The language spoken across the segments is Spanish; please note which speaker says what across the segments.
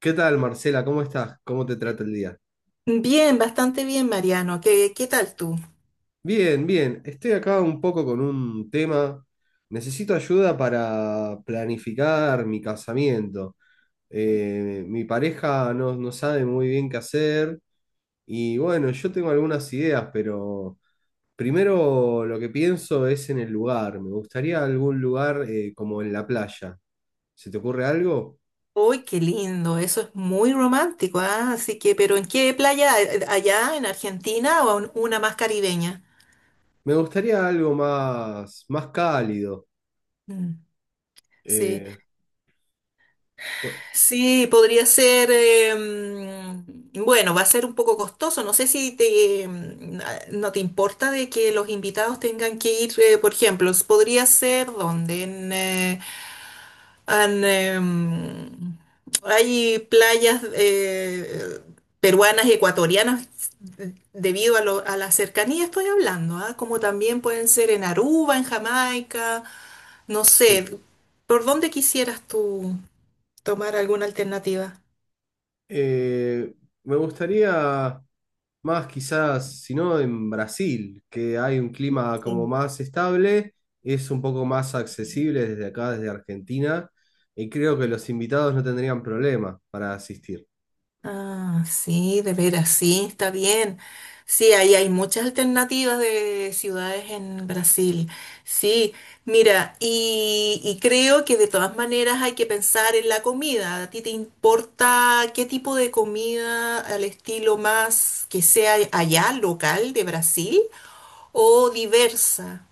Speaker 1: ¿Qué tal, Marcela? ¿Cómo estás? ¿Cómo te trata el día?
Speaker 2: Bien, bastante bien, Mariano. ¿Qué tal tú?
Speaker 1: Bien, bien. Estoy acá un poco con un tema. Necesito ayuda para planificar mi casamiento. Mi pareja no, no sabe muy bien qué hacer y bueno, yo tengo algunas ideas, pero primero lo que pienso es en el lugar. Me gustaría algún lugar como en la playa. ¿Se te ocurre algo?
Speaker 2: Uy, qué lindo, eso es muy romántico, ¿ah? Así que, pero ¿en qué playa? ¿Allá en Argentina o en una más caribeña?
Speaker 1: Me gustaría algo más, más cálido.
Speaker 2: Mm. Sí,
Speaker 1: eh, bu-
Speaker 2: sí, podría ser, bueno, va a ser un poco costoso. No sé si te, no te importa de que los invitados tengan que ir, por ejemplo, podría ser donde Han, em, hay playas peruanas y ecuatorianas debido a, a la cercanía estoy hablando, ¿ah? Como también pueden ser en Aruba, en Jamaica, no
Speaker 1: sí.
Speaker 2: sé, ¿por dónde quisieras tú tomar alguna alternativa?
Speaker 1: Eh, Me gustaría más quizás, si no, en Brasil, que hay un clima como
Speaker 2: Sí.
Speaker 1: más estable, es un poco más accesible desde acá, desde Argentina, y creo que los invitados no tendrían problema para asistir.
Speaker 2: Ah, sí, de veras, sí, está bien. Sí, ahí hay muchas alternativas de ciudades en Brasil. Sí, mira, y creo que de todas maneras hay que pensar en la comida. ¿A ti te importa qué tipo de comida al estilo más que sea allá, local de Brasil o diversa?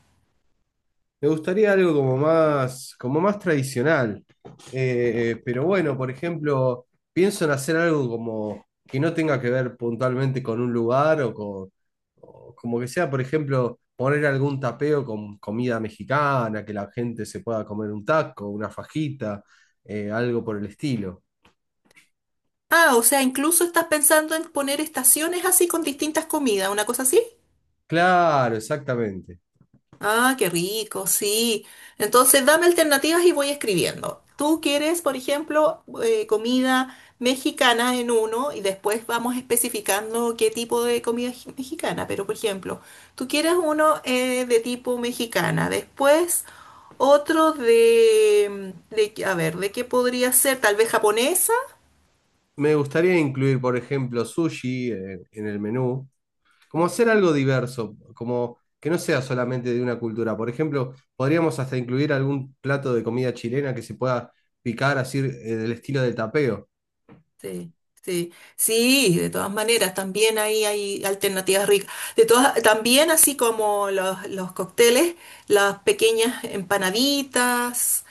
Speaker 1: Me gustaría algo como más tradicional. Pero bueno, por ejemplo, pienso en hacer algo como que no tenga que ver puntualmente con un lugar o con, o como que sea, por ejemplo, poner algún tapeo con comida mexicana, que la gente se pueda comer un taco, una fajita, algo por el estilo.
Speaker 2: Ah, o sea, incluso estás pensando en poner estaciones así con distintas comidas, una cosa así.
Speaker 1: Claro, exactamente.
Speaker 2: Ah, qué rico, sí. Entonces, dame alternativas y voy escribiendo. Tú quieres, por ejemplo, comida mexicana en uno y después vamos especificando qué tipo de comida mexicana. Pero, por ejemplo, tú quieres uno de tipo mexicana, después otro a ver, ¿de qué podría ser? Tal vez japonesa.
Speaker 1: Me gustaría incluir, por ejemplo, sushi en el menú, como hacer
Speaker 2: Ujú.
Speaker 1: algo diverso, como que no sea solamente de una cultura. Por ejemplo, podríamos hasta incluir algún plato de comida chilena que se pueda picar así, del estilo del tapeo.
Speaker 2: Sí, sí, sí, de todas maneras, también ahí hay alternativas ricas. De todas, también así como los cócteles, las pequeñas empanaditas,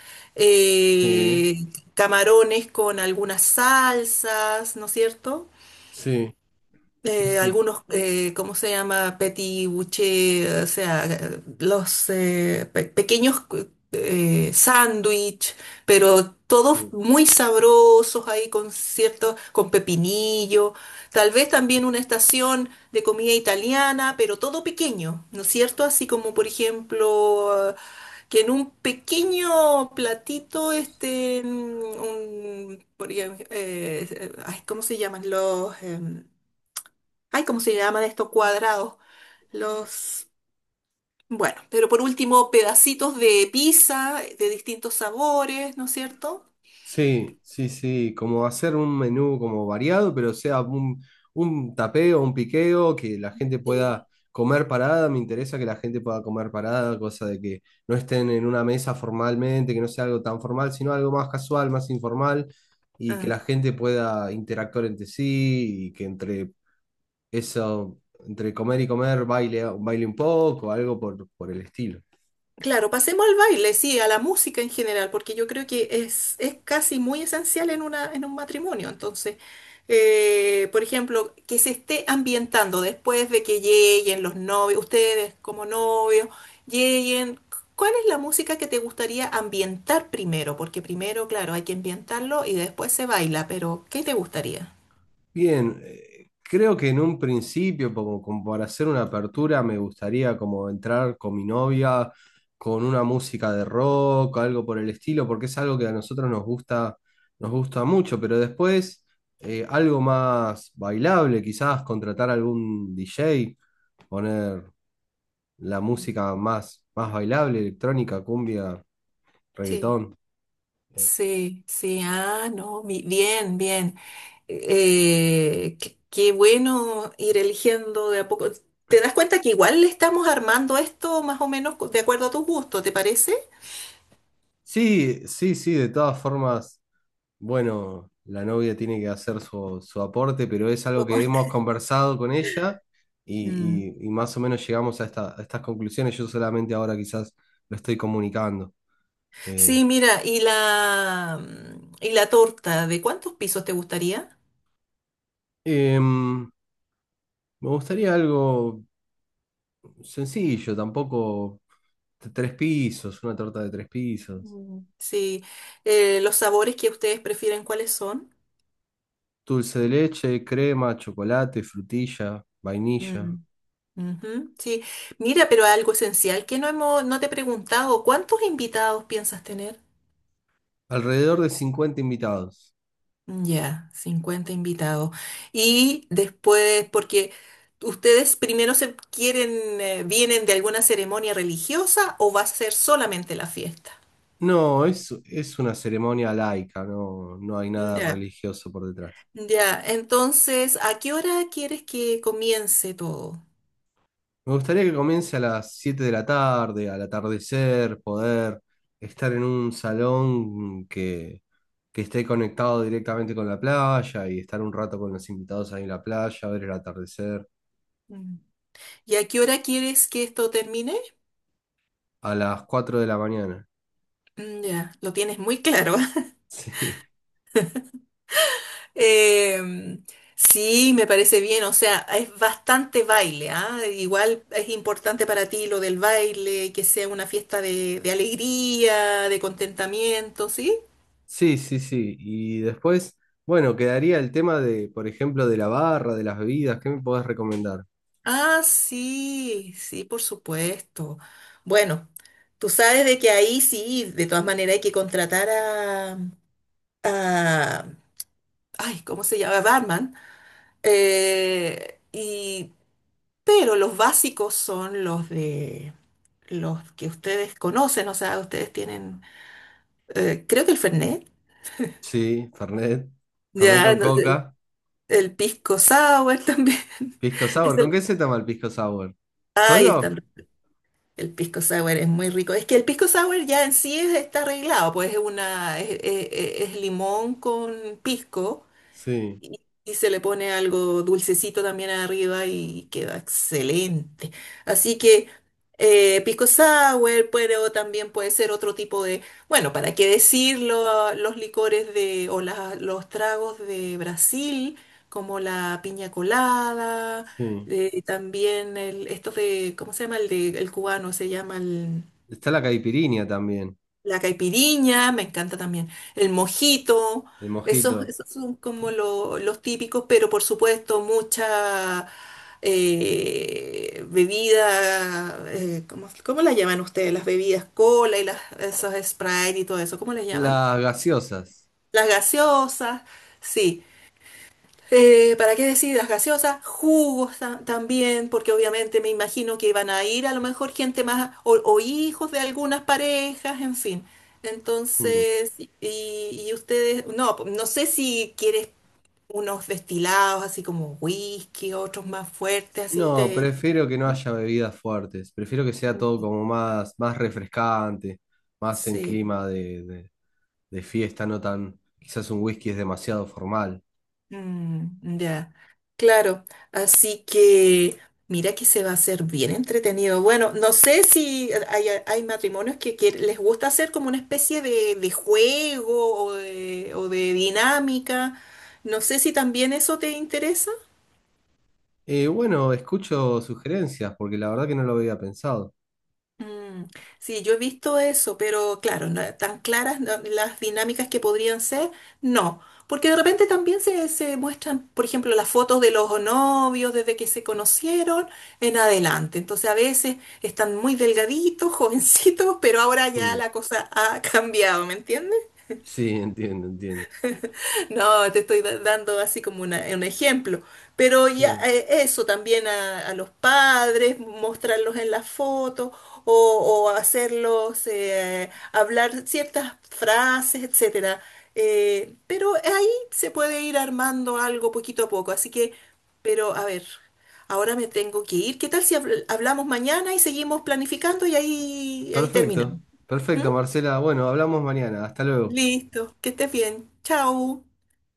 Speaker 1: Sí,
Speaker 2: eh, camarones con algunas salsas, ¿no es cierto?
Speaker 1: sí, sí, sí,
Speaker 2: Algunos, ¿cómo se llama? Petit bouché, o sea, los pequeños sándwich, pero
Speaker 1: sí.
Speaker 2: todos muy sabrosos ahí con cierto, con pepinillo, tal vez también una estación de comida italiana, pero todo pequeño, ¿no es cierto? Así como, por ejemplo, que en un pequeño platito este, un, por ejemplo, ay, ¿cómo se llaman los? Ay, ¿cómo se llaman estos cuadrados? Los, bueno, pero por último, pedacitos de pizza de distintos sabores, ¿no es cierto?
Speaker 1: Sí, sí, sí, como hacer un menú como variado, pero sea un tapeo, un piqueo, que la gente
Speaker 2: Sí.
Speaker 1: pueda comer parada, me interesa que la gente pueda comer parada, cosa de que no estén en una mesa formalmente, que no sea algo tan formal, sino algo más casual, más informal, y que la gente pueda interactuar entre sí, y que entre eso, entre comer y comer baile, baile un poco, algo por el estilo.
Speaker 2: Claro, pasemos al baile, sí, a la música en general, porque yo creo que es casi muy esencial en una, en un matrimonio. Entonces, por ejemplo, que se esté ambientando después de que lleguen los novios, ustedes como novios, lleguen. ¿Cuál es la música que te gustaría ambientar primero? Porque primero, claro, hay que ambientarlo y después se baila, pero ¿qué te gustaría?
Speaker 1: Bien, creo que en un principio, como para hacer una apertura, me gustaría como entrar con mi novia, con una música de rock, algo por el estilo, porque es algo que a nosotros nos gusta mucho, pero después algo más bailable, quizás contratar algún DJ, poner la
Speaker 2: Mm.
Speaker 1: música más, más bailable, electrónica, cumbia,
Speaker 2: Sí.
Speaker 1: reggaetón. Eh,
Speaker 2: Sí, sí, ah, no, bien, bien. Qué, qué bueno ir eligiendo de a poco. ¿Te das cuenta que igual le estamos armando esto más o menos de acuerdo a tus gustos, ¿te parece?
Speaker 1: Sí, sí, sí, de todas formas. Bueno, la novia tiene que hacer su aporte, pero es
Speaker 2: Tu
Speaker 1: algo que
Speaker 2: aporte.
Speaker 1: hemos conversado con ella
Speaker 2: Mm.
Speaker 1: y más o menos llegamos a estas conclusiones. Yo solamente ahora quizás lo estoy comunicando. Eh,
Speaker 2: Sí, mira, y la torta, ¿de cuántos pisos te gustaría?
Speaker 1: em, Me gustaría algo sencillo, tampoco tres pisos, una torta de tres pisos.
Speaker 2: Mm. Sí, los sabores que ustedes prefieren, ¿cuáles son?
Speaker 1: Dulce de leche, crema, chocolate, frutilla, vainilla.
Speaker 2: Mm, ujú. Sí, mira, pero algo esencial que no hemos, no te he preguntado, ¿cuántos invitados piensas tener?
Speaker 1: Alrededor de 50 invitados.
Speaker 2: Ya, 50 invitados. Y después, porque ustedes primero se quieren, vienen de alguna ceremonia religiosa o va a ser solamente la fiesta.
Speaker 1: No, es una ceremonia laica, no, no hay nada
Speaker 2: Ya,
Speaker 1: religioso por detrás.
Speaker 2: ya. Entonces, ¿a qué hora quieres que comience todo?
Speaker 1: Me gustaría que comience a las 7 de la tarde, al atardecer, poder estar en un salón que esté conectado directamente con la playa y estar un rato con los invitados ahí en la playa, ver el atardecer
Speaker 2: Mm. ¿Y a qué hora quieres que esto termine?
Speaker 1: a las 4 de la mañana.
Speaker 2: Mm. Ya, lo tienes muy claro.
Speaker 1: Sí,
Speaker 2: Eh, sí, me parece bien, o sea, es bastante baile, ¿ah? Igual es importante para ti lo del baile, que sea una fiesta de alegría, de contentamiento, ¿sí?
Speaker 1: sí, sí, sí. Y después, bueno, quedaría el tema de, por ejemplo, de la barra, de las bebidas. ¿Qué me podés recomendar?
Speaker 2: Ah, sí, sí, por supuesto. Bueno, tú sabes de que ahí sí, de todas maneras hay que contratar a, a- ay, ¿cómo se llama? Barman. Y pero los básicos son los de los que ustedes conocen, o sea, ustedes tienen, creo que el Fernet,
Speaker 1: Sí, Fernet. Fernet
Speaker 2: ya,
Speaker 1: con
Speaker 2: no sé,
Speaker 1: coca.
Speaker 2: el pisco sour también.
Speaker 1: Pisco
Speaker 2: Es
Speaker 1: sour. ¿Con
Speaker 2: el,
Speaker 1: qué se toma el pisco sour?
Speaker 2: ay,
Speaker 1: ¿Solo?
Speaker 2: el pisco sour es muy rico. Es que el pisco sour ya en sí está arreglado, pues es una, es limón con pisco.
Speaker 1: Sí,
Speaker 2: Y se le pone algo dulcecito también arriba y queda excelente. Así que pisco sour, pero también puede ser otro tipo de, bueno, ¿para qué decirlo? Los licores de, o los tragos de Brasil, como la piña colada,
Speaker 1: sí.
Speaker 2: también el, estos de, ¿cómo se llama? El de, el cubano, se llama
Speaker 1: Está la caipirinha también,
Speaker 2: la caipiriña, me encanta también. El mojito,
Speaker 1: el
Speaker 2: esos,
Speaker 1: mojito.
Speaker 2: esos son como los típicos, pero por supuesto mucha bebida, ¿cómo, cómo la llaman ustedes? Las bebidas cola y las, esos Sprite y todo eso, ¿cómo les llaman?
Speaker 1: Las gaseosas.
Speaker 2: Las gaseosas, sí. ¿Para qué decir las gaseosas? Jugos también, porque obviamente me imagino que iban a ir a lo mejor gente más o hijos de algunas parejas, en fin.
Speaker 1: Mm.
Speaker 2: Entonces, y ustedes, no, no sé si quieres unos destilados así como whisky, otros más fuertes, así
Speaker 1: No,
Speaker 2: te...
Speaker 1: prefiero que no
Speaker 2: ¿no?
Speaker 1: haya bebidas fuertes. Prefiero que sea todo como más, más refrescante, más en
Speaker 2: Sí.
Speaker 1: clima de fiesta, no tan. Quizás un whisky es demasiado formal.
Speaker 2: Mm, ya, claro. Así que mira que se va a hacer bien entretenido. Bueno, no sé si hay, hay matrimonios que les gusta hacer como una especie de juego o de dinámica. No sé si también eso te interesa.
Speaker 1: Bueno, escucho sugerencias porque la verdad que no lo había pensado.
Speaker 2: Mm, sí, yo he visto eso, pero claro, tan claras las dinámicas que podrían ser, no. Porque de repente también se muestran, por ejemplo, las fotos de los novios desde que se conocieron en adelante. Entonces a veces están muy delgaditos, jovencitos, pero ahora ya
Speaker 1: Mm.
Speaker 2: la cosa ha cambiado, ¿me entiendes?
Speaker 1: Sí, entiendo, entiendo.
Speaker 2: No, te estoy dando así como un ejemplo. Pero ya
Speaker 1: Sí.
Speaker 2: eso también a los padres, mostrarlos en la foto o, o hacerlos hablar ciertas frases, etcétera. Pero ahí se puede ir armando algo poquito a poco. Así que, pero a ver, ahora me tengo que ir. ¿Qué tal si hablamos mañana y seguimos planificando y ahí, ahí terminamos?
Speaker 1: Perfecto,
Speaker 2: ¿Mm?
Speaker 1: perfecto, Marcela. Bueno, hablamos mañana. Hasta luego.
Speaker 2: Listo, que estés bien. Chao.